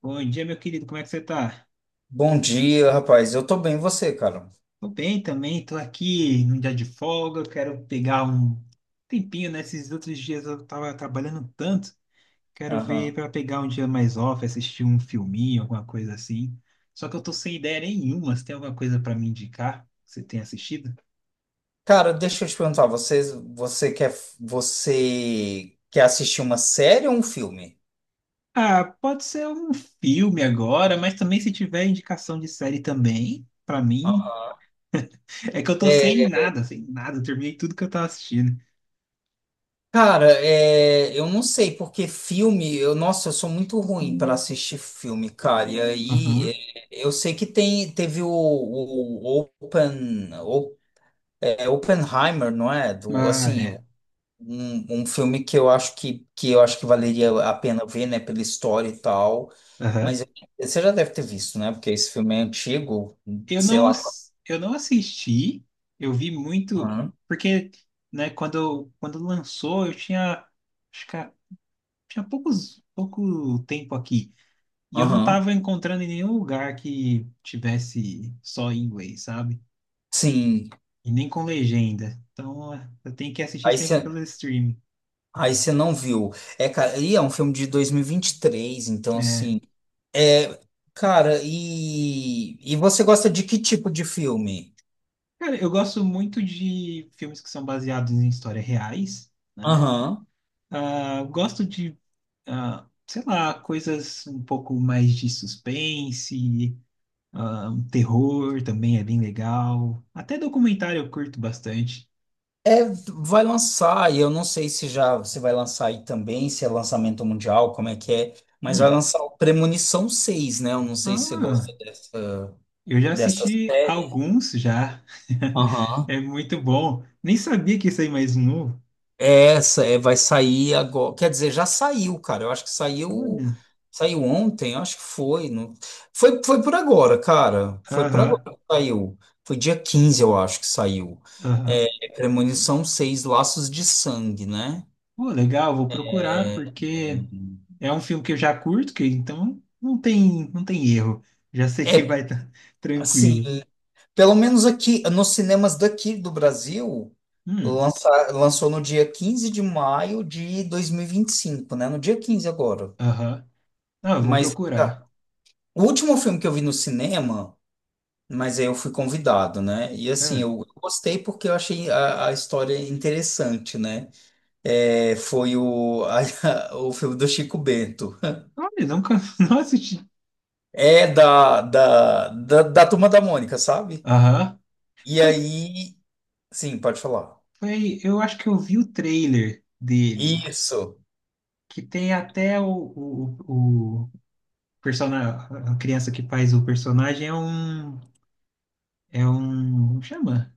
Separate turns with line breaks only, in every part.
Bom dia, meu querido, como é que você tá?
Bom dia, rapaz. Eu tô bem, e você, cara?
Tô bem também, tô aqui num dia de folga, quero pegar um tempinho, né? Esses outros dias eu tava trabalhando tanto, quero ver
Aham.
pra pegar um dia mais off, assistir um filminho, alguma coisa assim. Só que eu tô sem ideia nenhuma, você tem alguma coisa pra me indicar? Que Você tem assistido?
Cara, deixa eu te perguntar, você quer, você quer assistir uma série ou um filme?
Ah, pode ser um filme agora, mas também se tiver indicação de série também, pra mim.
Aham.
É que eu tô sem
É,
nada, sem nada, eu terminei tudo que eu tava assistindo.
cara, é, eu não sei, porque filme, nossa, eu sou muito ruim para assistir filme, cara. E aí,
Uhum.
é, eu sei que tem, teve o Oppenheimer, não é? Do,
Mas
assim,
é.
um filme que eu acho que valeria a pena ver, né, pela história e tal. Mas
Aham.
eu- Você já deve ter visto, né? Porque esse filme é antigo,
Eu
sei
não,
lá.
eu não assisti, eu vi muito,
Aham.
porque, né, quando lançou, eu tinha, acho que a- tinha poucos, pouco tempo aqui, e eu não
Aham.
estava encontrando em nenhum lugar que tivesse só em inglês, sabe?
Sim.
E nem com legenda. Então, eu tenho que assistir
Aí
sempre
você
pelo streaming.
Aí você não viu. É, cara, e é um filme de dois mil e vinte e três, então
É.
assim, é, cara, e você gosta de que tipo de filme?
Cara, eu gosto muito de filmes que são baseados em histórias reais, né?
Aham.
Ah, gosto de, ah, sei lá, coisas um pouco mais de suspense, ah, um terror também é bem legal. Até documentário eu curto bastante.
É, vai lançar, e eu não sei se já se vai lançar aí também, se é lançamento mundial, como é que é, mas vai
Hum.
lançar o Premonição seis, né? Eu não sei se você
Ah,
gosta dessa,
eu já
dessa
assisti
série.
alguns já.
Aham.
É muito bom. Nem sabia que ia sair mais um novo.
É. Essa é, vai sair agora. Quer dizer, já saiu, cara. Eu acho que saiu,
Olha.
saiu ontem, eu acho que foi. Não... Foi por agora, cara. Foi por agora
Aham,
que saiu. Foi dia 15, eu acho que saiu.
aham.
É, Premonição seis, Laços de Sangue, né?
Pô, legal, vou procurar porque é um filme que eu já curto, que então não tem, não tem erro. Já sei que
É,
vai estar
assim,
tranquilo.
pelo menos aqui, nos cinemas daqui do Brasil,
Hum,
lança, lançou no dia 15 de maio de dois mil e vinte e cinco, né? No dia 15 agora.
aham. Ah, eu vou
Mas cara,
procurar.
o último filme que eu vi no cinema, mas aí eu fui convidado, né? E assim,
Ah,
eu gostei porque eu achei a história interessante, né? É, foi o filme do Chico Bento.
olha, nunca não assisti.
É da Turma da Mônica, sabe?
Aham.
E
Foi,
aí, sim, pode falar.
foi, eu acho que eu vi o trailer dele,
Isso.
que tem até o personagem, a criança que faz o personagem é um, como chama?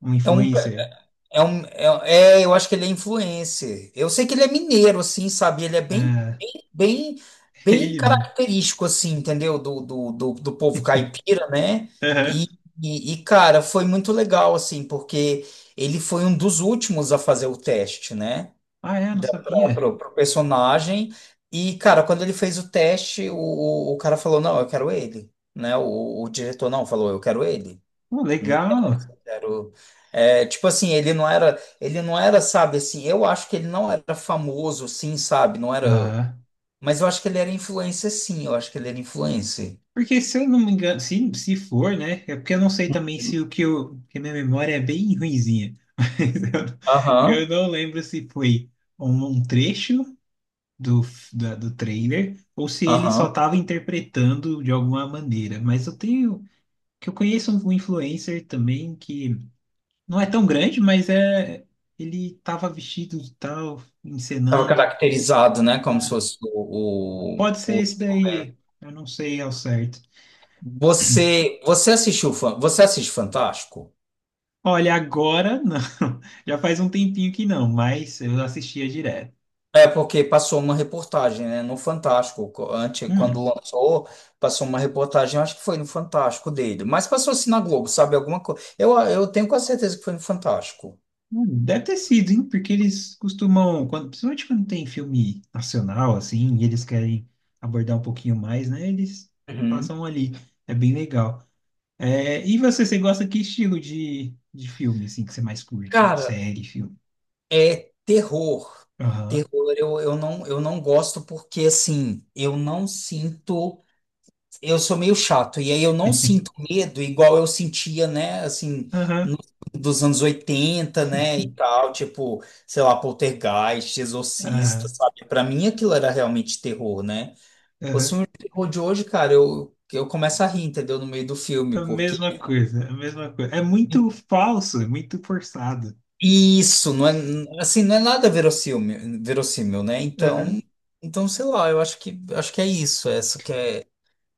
Um
É um,
influencer.
Eu acho que ele é influencer. Eu sei que ele é mineiro, assim, sabe? Ele é bem,
Ah,
bem,
é
bem
ele mesmo.
característico, assim, entendeu? Do povo caipira, né?
Aham.
E, Cara, foi muito legal, assim, porque ele foi um dos últimos a fazer o teste, né?
Ah, é, não
Da, pra,
sabia.
pro, pro personagem. E, cara, quando ele fez o teste, o cara falou, não, eu quero ele, né? O diretor não falou, eu quero ele.
Pô,
Né?
legal.
Era o- é, tipo assim, ele não era, sabe, assim, eu acho que ele não era famoso, sim, sabe, não era,
Aham.
mas eu acho que ele era influencer, sim, eu acho que ele era influencer.
Porque se eu não me engano, se for, né? É porque eu não sei também se o que eu. Porque minha memória é bem ruinzinha. Mas
Aham,
eu não lembro se foi um, um trecho do, do trailer ou se ele só
aham.
estava interpretando de alguma maneira. Mas eu tenho. Que eu conheço um influencer também que não é tão grande, mas é. Ele estava vestido e tal,
Tava
encenando.
caracterizado, né, como se
Ah,
fosse o,
pode ser
o, o...
esse daí. Eu não sei ao certo.
Você assiste Fantástico?
Olha, agora não. Já faz um tempinho que não, mas eu assistia direto.
É porque passou uma reportagem, né, no Fantástico, antes, quando
Hum,
lançou, passou uma reportagem, acho que foi no Fantástico dele, mas passou assim na Globo, sabe, alguma coisa, eu tenho quase certeza que foi no Fantástico.
hum, deve ter sido, hein? Porque eles costumam, quando, principalmente quando tem filme nacional, assim, e eles querem abordar um pouquinho mais, né? Eles
Uhum.
passam ali. É bem legal. É, e você, você gosta que estilo de filme, assim, que você mais curte?
Cara,
Série, filme?
é terror,
Aham,
terror eu não gosto porque, assim, eu não sinto. Eu sou meio chato, e aí eu não sinto medo igual eu sentia, né, assim,
aham,
no- dos anos 80, né, e tal, tipo, sei lá, Poltergeist, Exorcista,
aham,
sabe? Pra mim aquilo era realmente terror, né? Os
aham.
terror de hoje, cara, eu começo a rir, entendeu? No meio do filme,
A
porque
mesma coisa, a mesma coisa. É muito falso, é muito forçado.
isso, não é, assim, não é nada verossímil, né? Então,
Aham.
então, sei lá, eu acho que é isso, é essa que é.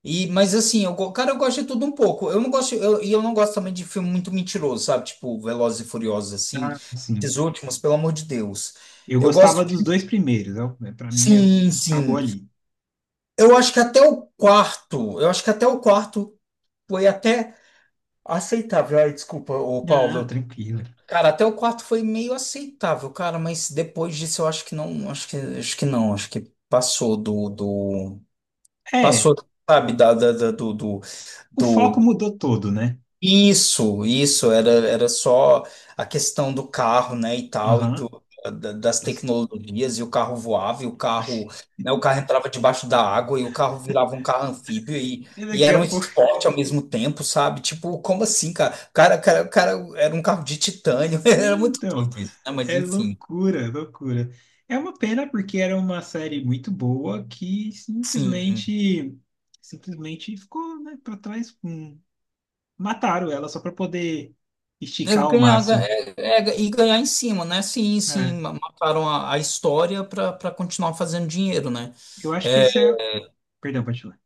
E, mas assim, cara, eu gosto de tudo um pouco. Eu não gosto, e eu não gosto também de filme muito mentiroso, sabe? Tipo, Velozes e Furiosos, assim.
Ah,
Esses
sim.
últimos, pelo amor de Deus.
Eu
Eu gosto.
gostava dos dois primeiros, para mim é-
Sim,
acabou
sim.
ali.
Eu acho que até o quarto, eu acho que até o quarto foi até aceitável. Ai, desculpa, ô
Ah,
Paulo.
tranquilo.
Cara, até o quarto foi meio aceitável, cara, mas depois disso eu acho que não, acho que passou do, do,
É,
passou, sabe, da, da, da- do, do,
o
do.
foco mudou todo, né?
Isso, era só a questão do carro, né, e tal, e
Aham.
das
Nossa,
tecnologias, e o carro voava, e o carro, né, o carro entrava debaixo da água, e o carro virava um carro anfíbio,
E
e
daqui
era
a
um
pouco.
esporte ao mesmo tempo, sabe? Tipo, como assim, cara? O cara era um carro de titânio, era muito
Então,
doido isso, né, mas
é
enfim,
loucura, loucura. É uma pena porque era uma série muito boa que
sim.
simplesmente ficou, né, para trás. Mataram ela só para poder esticar
Eu
ao
ganhar, ga-
máximo.
é- é- e ganhar em cima, né? Sim, sim,
É,
mataram a história para continuar fazendo dinheiro, né?
eu acho que esse é. Perdão, pode falar.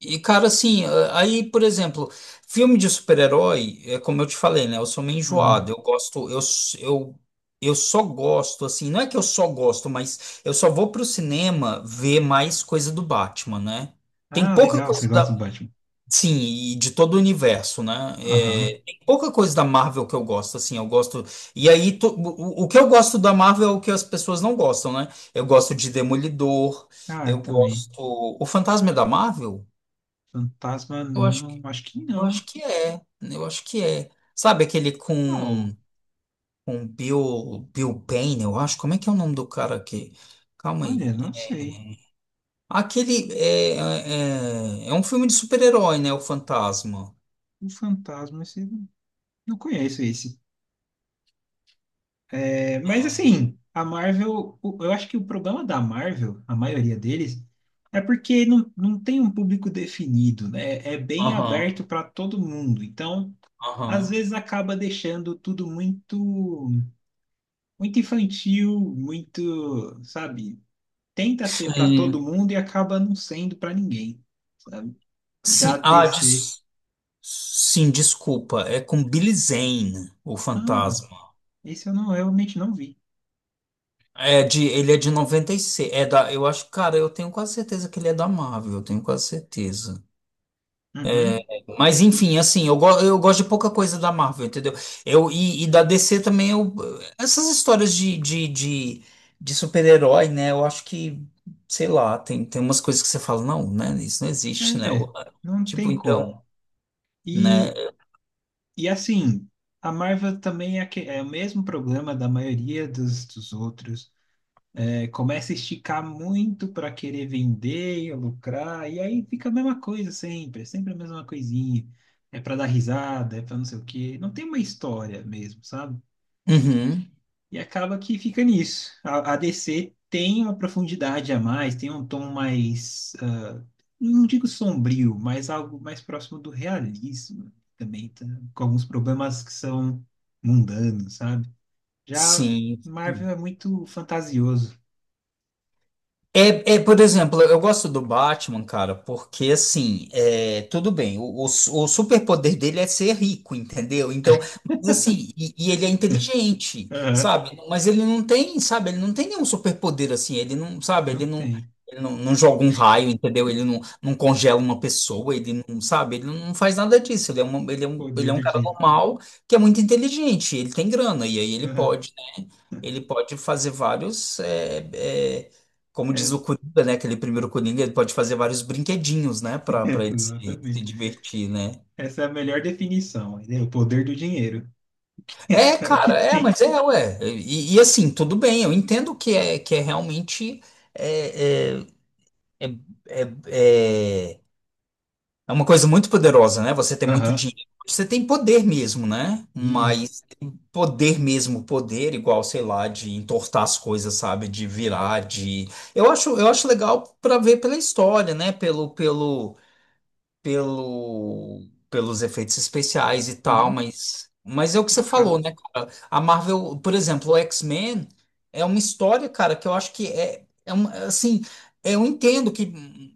E, cara, assim, aí, por exemplo, filme de super-herói, é como eu te falei, né? Eu sou meio
Uhum.
enjoado. Eu gosto, eu só gosto, assim, não é que eu só gosto, mas eu só vou pro cinema ver mais coisa do Batman, né? Tem
Ah,
pouca
legal, você
coisa
gosta do
da.
Batman.
Sim, e de todo o universo, né?
Aham.
É, tem pouca coisa da Marvel que eu gosto, assim, eu gosto. E aí, o que eu gosto da Marvel é o que as pessoas não gostam, né? Eu gosto de Demolidor,
Ah,
eu
eu também.
gosto. O Fantasma é da Marvel?
Fantasma,
Eu acho
não, acho que
eu
não.
acho que é, eu acho que é. Sabe aquele
Uau,
com Bill Payne, eu acho? Como é que é o nome do cara aqui? Calma
olha,
aí.
não sei.
Aquele é um filme de super-herói, né? O Fantasma.
O fantasma, esse, não conheço esse. É, mas assim, a Marvel, eu acho que o problema da Marvel, a maioria deles, é porque não, não tem um público definido, né? É bem
Aham,
aberto para todo mundo. Então, às
aham.
vezes acaba deixando tudo muito, muito infantil, muito, sabe? Tenta ser para todo
Hum.
mundo e acaba não sendo para ninguém, sabe? Já
Sim, ah,
DC.
des- sim, desculpa. É com Billy Zane, o
Ah.
Fantasma.
Isso eu não, eu realmente não vi.
É de, ele é de 96. É da, eu acho, cara, eu tenho quase certeza que ele é da Marvel, eu tenho quase certeza.
Uhum.
Mas enfim, assim, eu gosto de pouca coisa da Marvel, entendeu? Eu, e da DC também, eu, essas histórias de super-herói, né? Eu acho que, sei lá, tem, tem umas coisas que você fala, não, né? Isso não existe, né?
É,
Ou,
não
tipo,
tem
então,
como.
né?
E, e assim, a Marvel também é, é o mesmo problema da maioria dos, dos outros. É, começa a esticar muito para querer vender e lucrar, e aí fica a mesma coisa sempre, é sempre a mesma coisinha. É para dar risada, é para não sei o quê. Não tem uma história mesmo, sabe?
Uhum,
E acaba que fica nisso. A DC tem uma profundidade a mais, tem um tom mais, ah, não digo sombrio, mas algo mais próximo do realismo. Também tá, com alguns problemas que são mundanos, sabe? Já
sim.
Marvel é muito fantasioso.
É, é, por exemplo, eu gosto do Batman, cara, porque assim, é, tudo bem, o superpoder dele é ser rico, entendeu? Então, mas assim, e ele é inteligente,
Aham.
sabe? Mas ele não tem, sabe? Ele não tem nenhum superpoder assim, ele não, sabe?
Não
Ele não,
tem
ele não, não joga um raio, entendeu? Ele não, não congela uma pessoa, ele não, sabe? Ele não faz nada disso, ele é uma, ele é um, ele
poder
é um
do
cara
dinheiro.
normal que é muito inteligente, ele tem grana, e aí ele
Aham.
pode. Ele pode fazer vários, é, como diz o
Essa-
Coringa, né? Aquele primeiro Coringa, ele pode fazer vários brinquedinhos, né? Pra, pra ele se, se
exatamente.
divertir, né?
Essa é a melhor definição, né? O poder do dinheiro.
É,
É o que
cara, é,
tem.
mas é, ué. E assim, tudo bem, eu entendo que é realmente. É, é, é, é, é é uma coisa muito poderosa, né? Você tem muito
Aham.
dinheiro, você tem poder mesmo, né?
E
Mas. Poder mesmo, poder igual, sei lá, de entortar as coisas, sabe, de virar, de. Eu acho legal para ver pela história, né, pelo, pelos efeitos especiais e tal,
uhum.
mas é o que você falou,
acaba
né, cara? A Marvel, por exemplo, o X-Men é uma história, cara, que eu acho que é, é uma, assim, eu entendo que,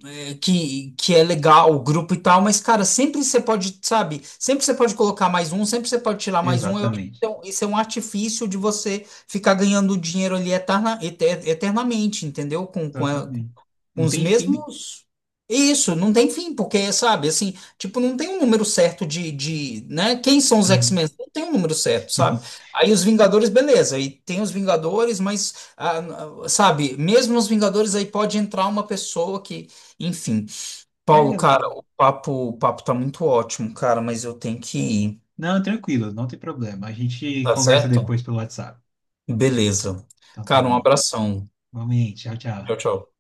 é, que é legal o grupo e tal, mas, cara, sempre você pode, sabe, sempre você pode colocar mais um, sempre você pode tirar mais um, eu acho que
exatamente.
isso é um artifício de você ficar ganhando dinheiro ali eternamente, entendeu? Com, com, a-
Exatamente.
com
Não
os
tem fim.
mesmos. Isso, não tem fim, porque, sabe, assim, tipo, não tem um número certo de, né? Quem são os
Aham.
X-Men? Não tem um número certo, sabe? Aí os Vingadores, beleza, aí tem os Vingadores, mas, ah, sabe, mesmo nos Vingadores aí pode entrar uma pessoa que, enfim.
É,
Paulo, cara,
não,
o papo tá muito ótimo, cara, mas eu tenho que ir,
não, tranquilo, não tem problema. A gente
tá
conversa
certo?
depois pelo WhatsApp.
Beleza.
Então tá
Cara, um
bom.
abração.
Vamos aí, tchau,
Tchau,
tchau.
tchau.